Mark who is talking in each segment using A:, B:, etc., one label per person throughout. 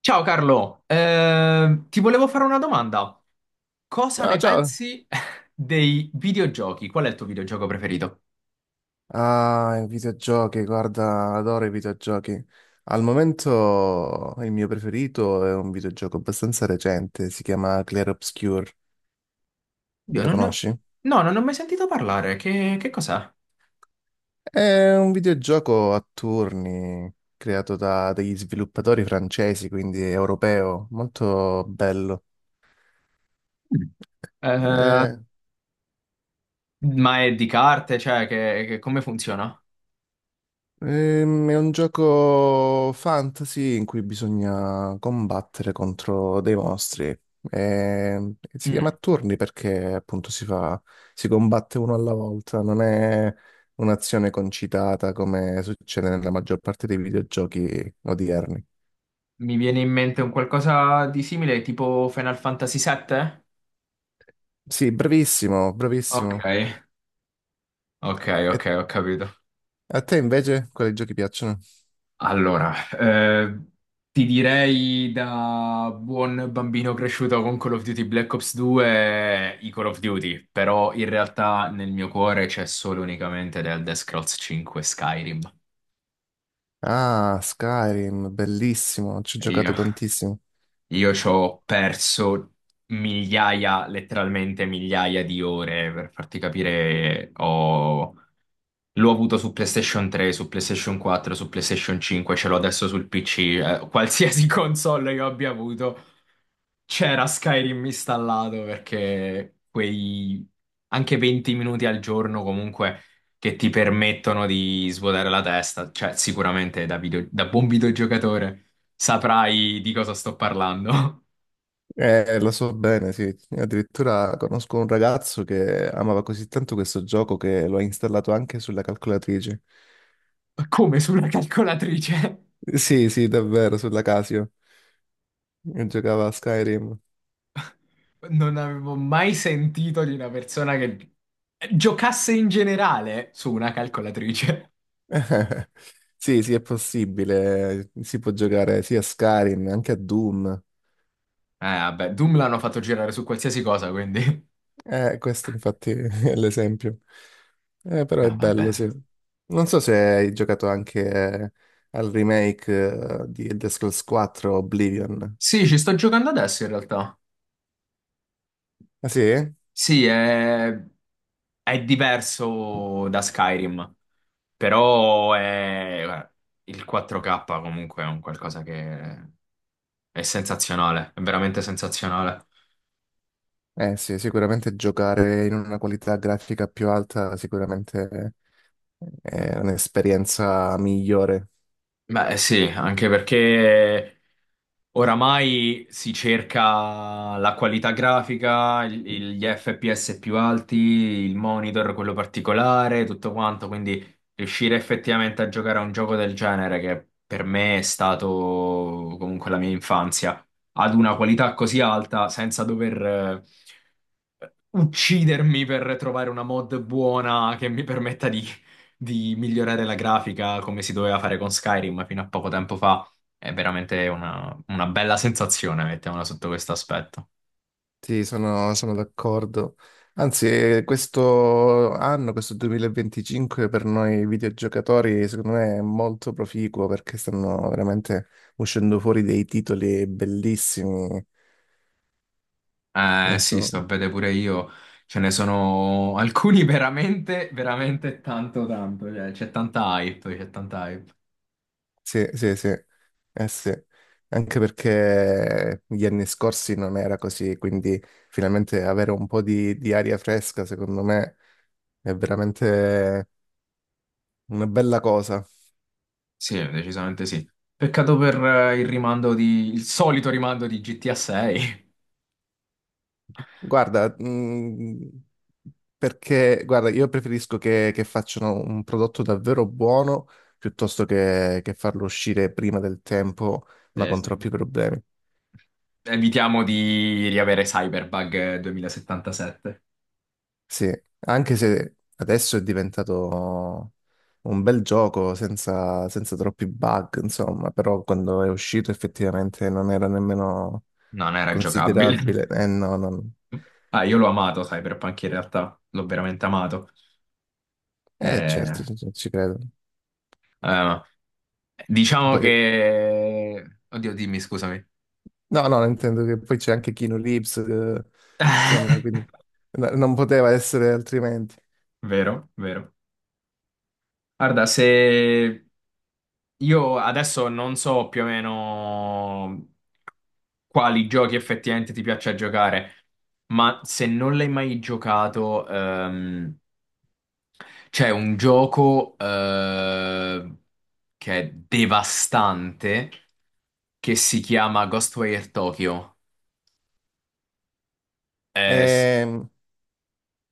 A: Ciao Carlo, ti volevo fare una domanda. Cosa
B: Ciao,
A: ne
B: ciao.
A: pensi dei videogiochi? Qual è il tuo videogioco preferito?
B: Ah, i videogiochi, guarda, adoro i videogiochi. Al momento il mio preferito è un videogioco abbastanza recente, si chiama Clair Obscur.
A: Io
B: Lo
A: non ne ho.
B: conosci?
A: No, non ne ho mai sentito parlare. Che cos'è?
B: È un videogioco a turni creato da degli sviluppatori francesi, quindi europeo, molto bello.
A: Mm. Eh,
B: Eh,
A: ma è di carte? Cioè, come funziona?
B: È un gioco fantasy in cui bisogna combattere contro dei mostri. E si chiama
A: Mm.
B: a turni perché appunto si fa, si combatte uno alla volta, non è un'azione concitata come succede nella maggior parte dei videogiochi odierni.
A: Mi viene in mente un qualcosa di simile, tipo Final Fantasy VII?
B: Sì, bravissimo,
A: Ok,
B: bravissimo.
A: ok, ok,
B: E
A: ho capito.
B: a te invece quali giochi piacciono?
A: Allora, ti direi da buon bambino cresciuto con Call of Duty Black Ops 2, i Call of Duty, però in realtà nel mio cuore c'è solo e unicamente del Elder Scrolls 5 Skyrim.
B: Ah, Skyrim, bellissimo, ci ho
A: Io
B: giocato tantissimo.
A: Io ci ho perso migliaia, letteralmente migliaia di ore per farti capire. Ho. L'ho avuto su PlayStation 3, su PlayStation 4, su PlayStation 5, ce l'ho adesso sul PC. Qualsiasi console io abbia avuto, c'era Skyrim installato perché quei anche 20 minuti al giorno comunque che ti permettono di svuotare la testa, cioè sicuramente da buon videogiocatore saprai di cosa sto parlando.
B: Lo so bene, sì. Addirittura conosco un ragazzo che amava così tanto questo gioco che lo ha installato anche sulla calcolatrice.
A: Come sulla calcolatrice?
B: Sì, sì, davvero, sulla Casio. E giocava a Skyrim.
A: Non avevo mai sentito di una persona che giocasse in generale su una calcolatrice.
B: Sì, sì, è possibile. Si può giocare sia a Skyrim, anche a Doom.
A: Vabbè, Doom l'hanno fatto girare su qualsiasi cosa, quindi.
B: Questo infatti è l'esempio. Però è
A: No, vabbè.
B: bello, sì. Non so se hai giocato anche al remake di The Scrolls 4 Oblivion.
A: Sì, ci sto giocando adesso in realtà.
B: Ah sì?
A: Sì, è diverso da Skyrim, però è, guarda, il 4K comunque è un qualcosa che è sensazionale, è veramente sensazionale.
B: Eh sì, sicuramente giocare in una qualità grafica più alta sicuramente è un'esperienza migliore.
A: Beh, sì, anche perché oramai si cerca la qualità grafica, gli FPS più alti, il monitor, quello particolare, tutto quanto, quindi riuscire effettivamente a giocare a un gioco del genere, che per me è stato comunque la mia infanzia, ad una qualità così alta, senza dover eh, uccidermi per trovare una mod buona che mi permetta di migliorare la grafica come si doveva fare con Skyrim fino a poco tempo fa. È veramente una bella sensazione, mettiamola sotto questo aspetto.
B: Sì, sono, sono d'accordo. Anzi, questo anno, questo 2025 per noi videogiocatori, secondo me è molto proficuo perché stanno veramente uscendo fuori dei titoli bellissimi.
A: Eh
B: Non
A: sì,
B: so.
A: sto a vedere pure io. Ce ne sono alcuni veramente, veramente tanto, tanto. Cioè, c'è tanta hype, c'è tanta hype.
B: Sì, sì, sì, eh sì, anche perché gli anni scorsi non era così, quindi finalmente avere un po' di aria fresca, secondo me, è veramente una bella cosa.
A: Sì, decisamente sì. Peccato per il solito rimando di GTA 6.
B: Guarda, perché, guarda, io preferisco che facciano un prodotto davvero buono piuttosto che farlo uscire prima del tempo, ma
A: Sì,
B: con
A: sì.
B: troppi problemi.
A: Evitiamo di riavere Cyberbug 2077.
B: Sì, anche se adesso è diventato un bel gioco senza troppi bug, insomma, però quando è uscito effettivamente non era nemmeno
A: Non era giocabile.
B: considerabile. Eh no, non...
A: Ah, io l'ho amato Cyberpunk in realtà, l'ho veramente amato.
B: Eh certo,
A: Eh,
B: ci credo.
A: eh, diciamo
B: Poi-
A: che, oddio, dimmi, scusami.
B: No, no, intendo che poi c'è anche Keanu Reeves, insomma, quindi non poteva essere altrimenti.
A: Vero, vero. Guarda, se io adesso non so più o meno quali giochi effettivamente ti piace giocare, ma se non l'hai mai giocato, c'è un gioco che è devastante, che si chiama Ghostwire Tokyo. Eh, s-
B: Ehm,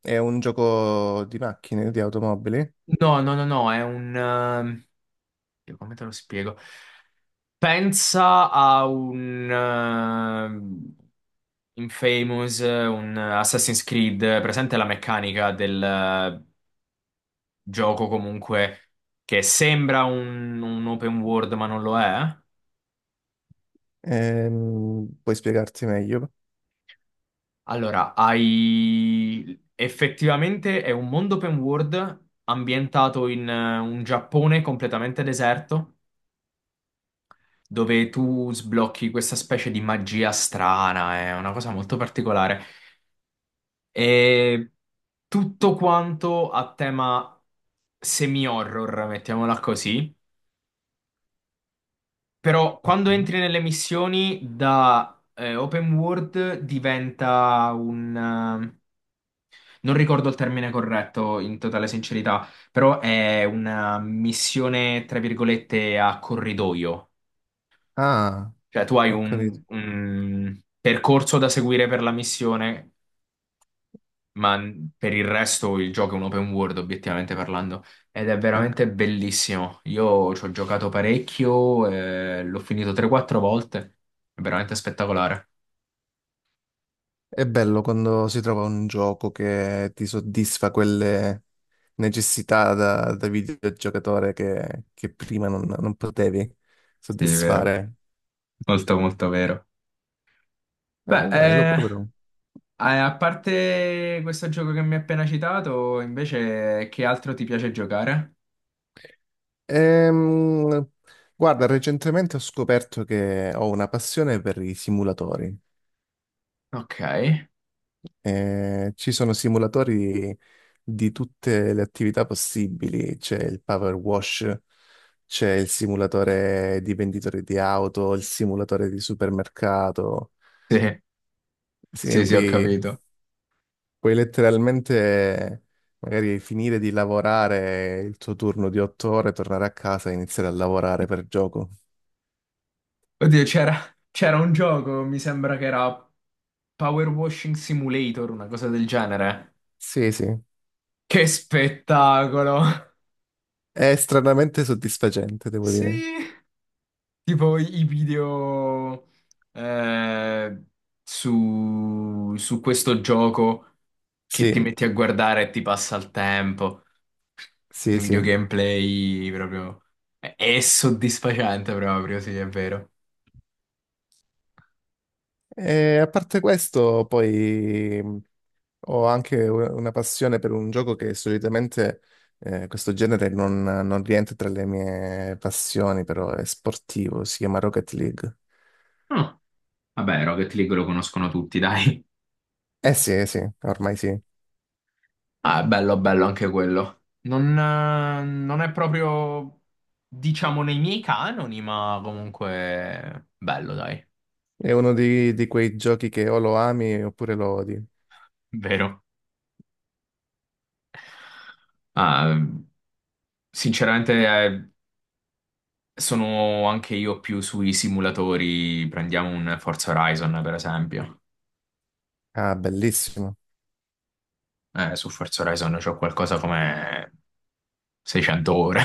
B: È un gioco di macchine, di automobili.
A: no, no, no, no, è un, come te lo spiego? Pensa a un Infamous, un Assassin's Creed, presente la meccanica del gioco comunque, che sembra un open world ma non lo è.
B: Puoi spiegarti meglio?
A: Allora, hai, effettivamente è un mondo open world ambientato in un Giappone completamente deserto, dove tu sblocchi questa specie di magia strana, è una cosa molto particolare. E tutto quanto a tema semi-horror, mettiamola così. Però quando
B: Ok.
A: entri nelle missioni da open world diventa un non ricordo il termine corretto, in totale sincerità, però è una missione, tra virgolette, a corridoio.
B: Ah.
A: Cioè, tu hai
B: Ho capito.
A: un percorso da seguire per la missione, ma per il resto il gioco è un open world, obiettivamente parlando, ed è
B: Ok.
A: veramente bellissimo. Io ci ho giocato parecchio, l'ho finito 3-4 volte, è veramente spettacolare.
B: È bello quando si trova un gioco che ti soddisfa quelle necessità da videogiocatore che prima non potevi
A: Sì, vero.
B: soddisfare.
A: Molto, molto vero. Beh,
B: Dai, lo proverò.
A: a parte questo gioco che mi hai appena citato, invece, che altro ti piace giocare?
B: Ehm, guarda, recentemente ho scoperto che ho una passione per i simulatori.
A: Ok,
B: Ci sono simulatori di tutte le attività possibili, c'è il power wash, c'è il simulatore di venditore di auto, il simulatore di supermercato.
A: sì,
B: Sì,
A: sì, sì, ho
B: puoi,
A: capito.
B: puoi letteralmente magari finire di lavorare il tuo turno di 8 ore, tornare a casa e iniziare a lavorare per gioco.
A: Oddio, c'era un gioco, mi sembra che era Power Washing Simulator, una cosa del genere.
B: Sì, sì,
A: Che spettacolo!
B: è stranamente soddisfacente, devo
A: Sì,
B: dire.
A: tipo i video eh, su questo gioco che ti
B: Sì,
A: metti a guardare e ti passa il tempo. I
B: sì,
A: video
B: sì.
A: gameplay proprio. È soddisfacente proprio, sì, è vero.
B: E a parte questo, poi. Ho anche una passione per un gioco che solitamente questo genere non rientra tra le mie passioni, però è sportivo, si chiama Rocket League.
A: Ah, vabbè, Rocket League lo conoscono tutti, dai.
B: Sì, eh sì, ormai sì.
A: Ah, è bello, bello anche quello. Non è proprio, diciamo, nei miei canoni, ma comunque bello, dai,
B: È uno di quei giochi che o lo ami oppure lo odi.
A: vero. Ah, sinceramente, eh, sono anche io più sui simulatori. Prendiamo un Forza Horizon, per esempio.
B: Ah, bellissimo.
A: Su Forza Horizon c'ho qualcosa come 600 ore.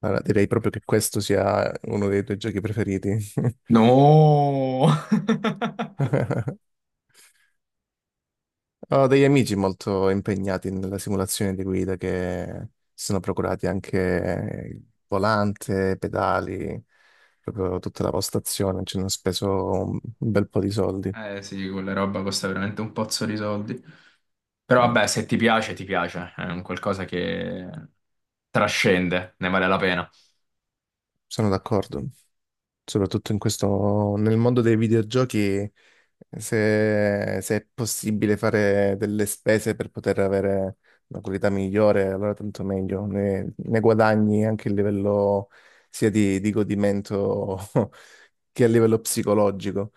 B: Allora, direi proprio che questo sia uno dei tuoi giochi preferiti.
A: No!
B: Ho degli amici molto impegnati nella simulazione di guida che si sono procurati anche il volante, pedali, proprio tutta la postazione, ci hanno speso un bel po' di soldi.
A: Eh sì, quella roba costa veramente un pozzo di soldi. Però
B: Mm,
A: vabbè, se ti piace, ti piace. È un qualcosa che trascende, ne vale la pena.
B: sono d'accordo. Soprattutto in questo, nel mondo dei videogiochi, se, se è possibile fare delle spese per poter avere una qualità migliore, allora tanto meglio, ne guadagni anche a livello sia di godimento che a livello psicologico,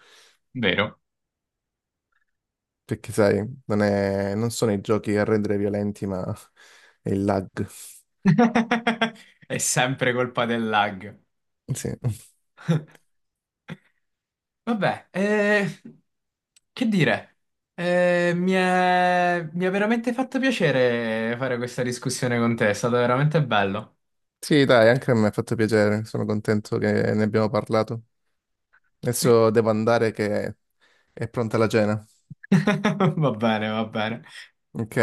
A: Vero?
B: perché sai, non sono i giochi a rendere violenti, ma è il lag.
A: È sempre colpa del lag.
B: Sì.
A: Vabbè, che dire? Mi è veramente fatto piacere fare questa discussione con te, è stato veramente bello.
B: Sì, dai, anche a me ha fatto piacere, sono contento che ne abbiamo parlato. Adesso devo andare che è pronta la cena.
A: Va bene, va bene.
B: Ok,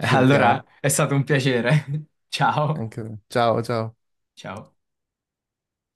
B: ci sentiamo.
A: Allora, è stato un piacere. Ciao,
B: Anche te. Ciao, ciao.
A: ciao.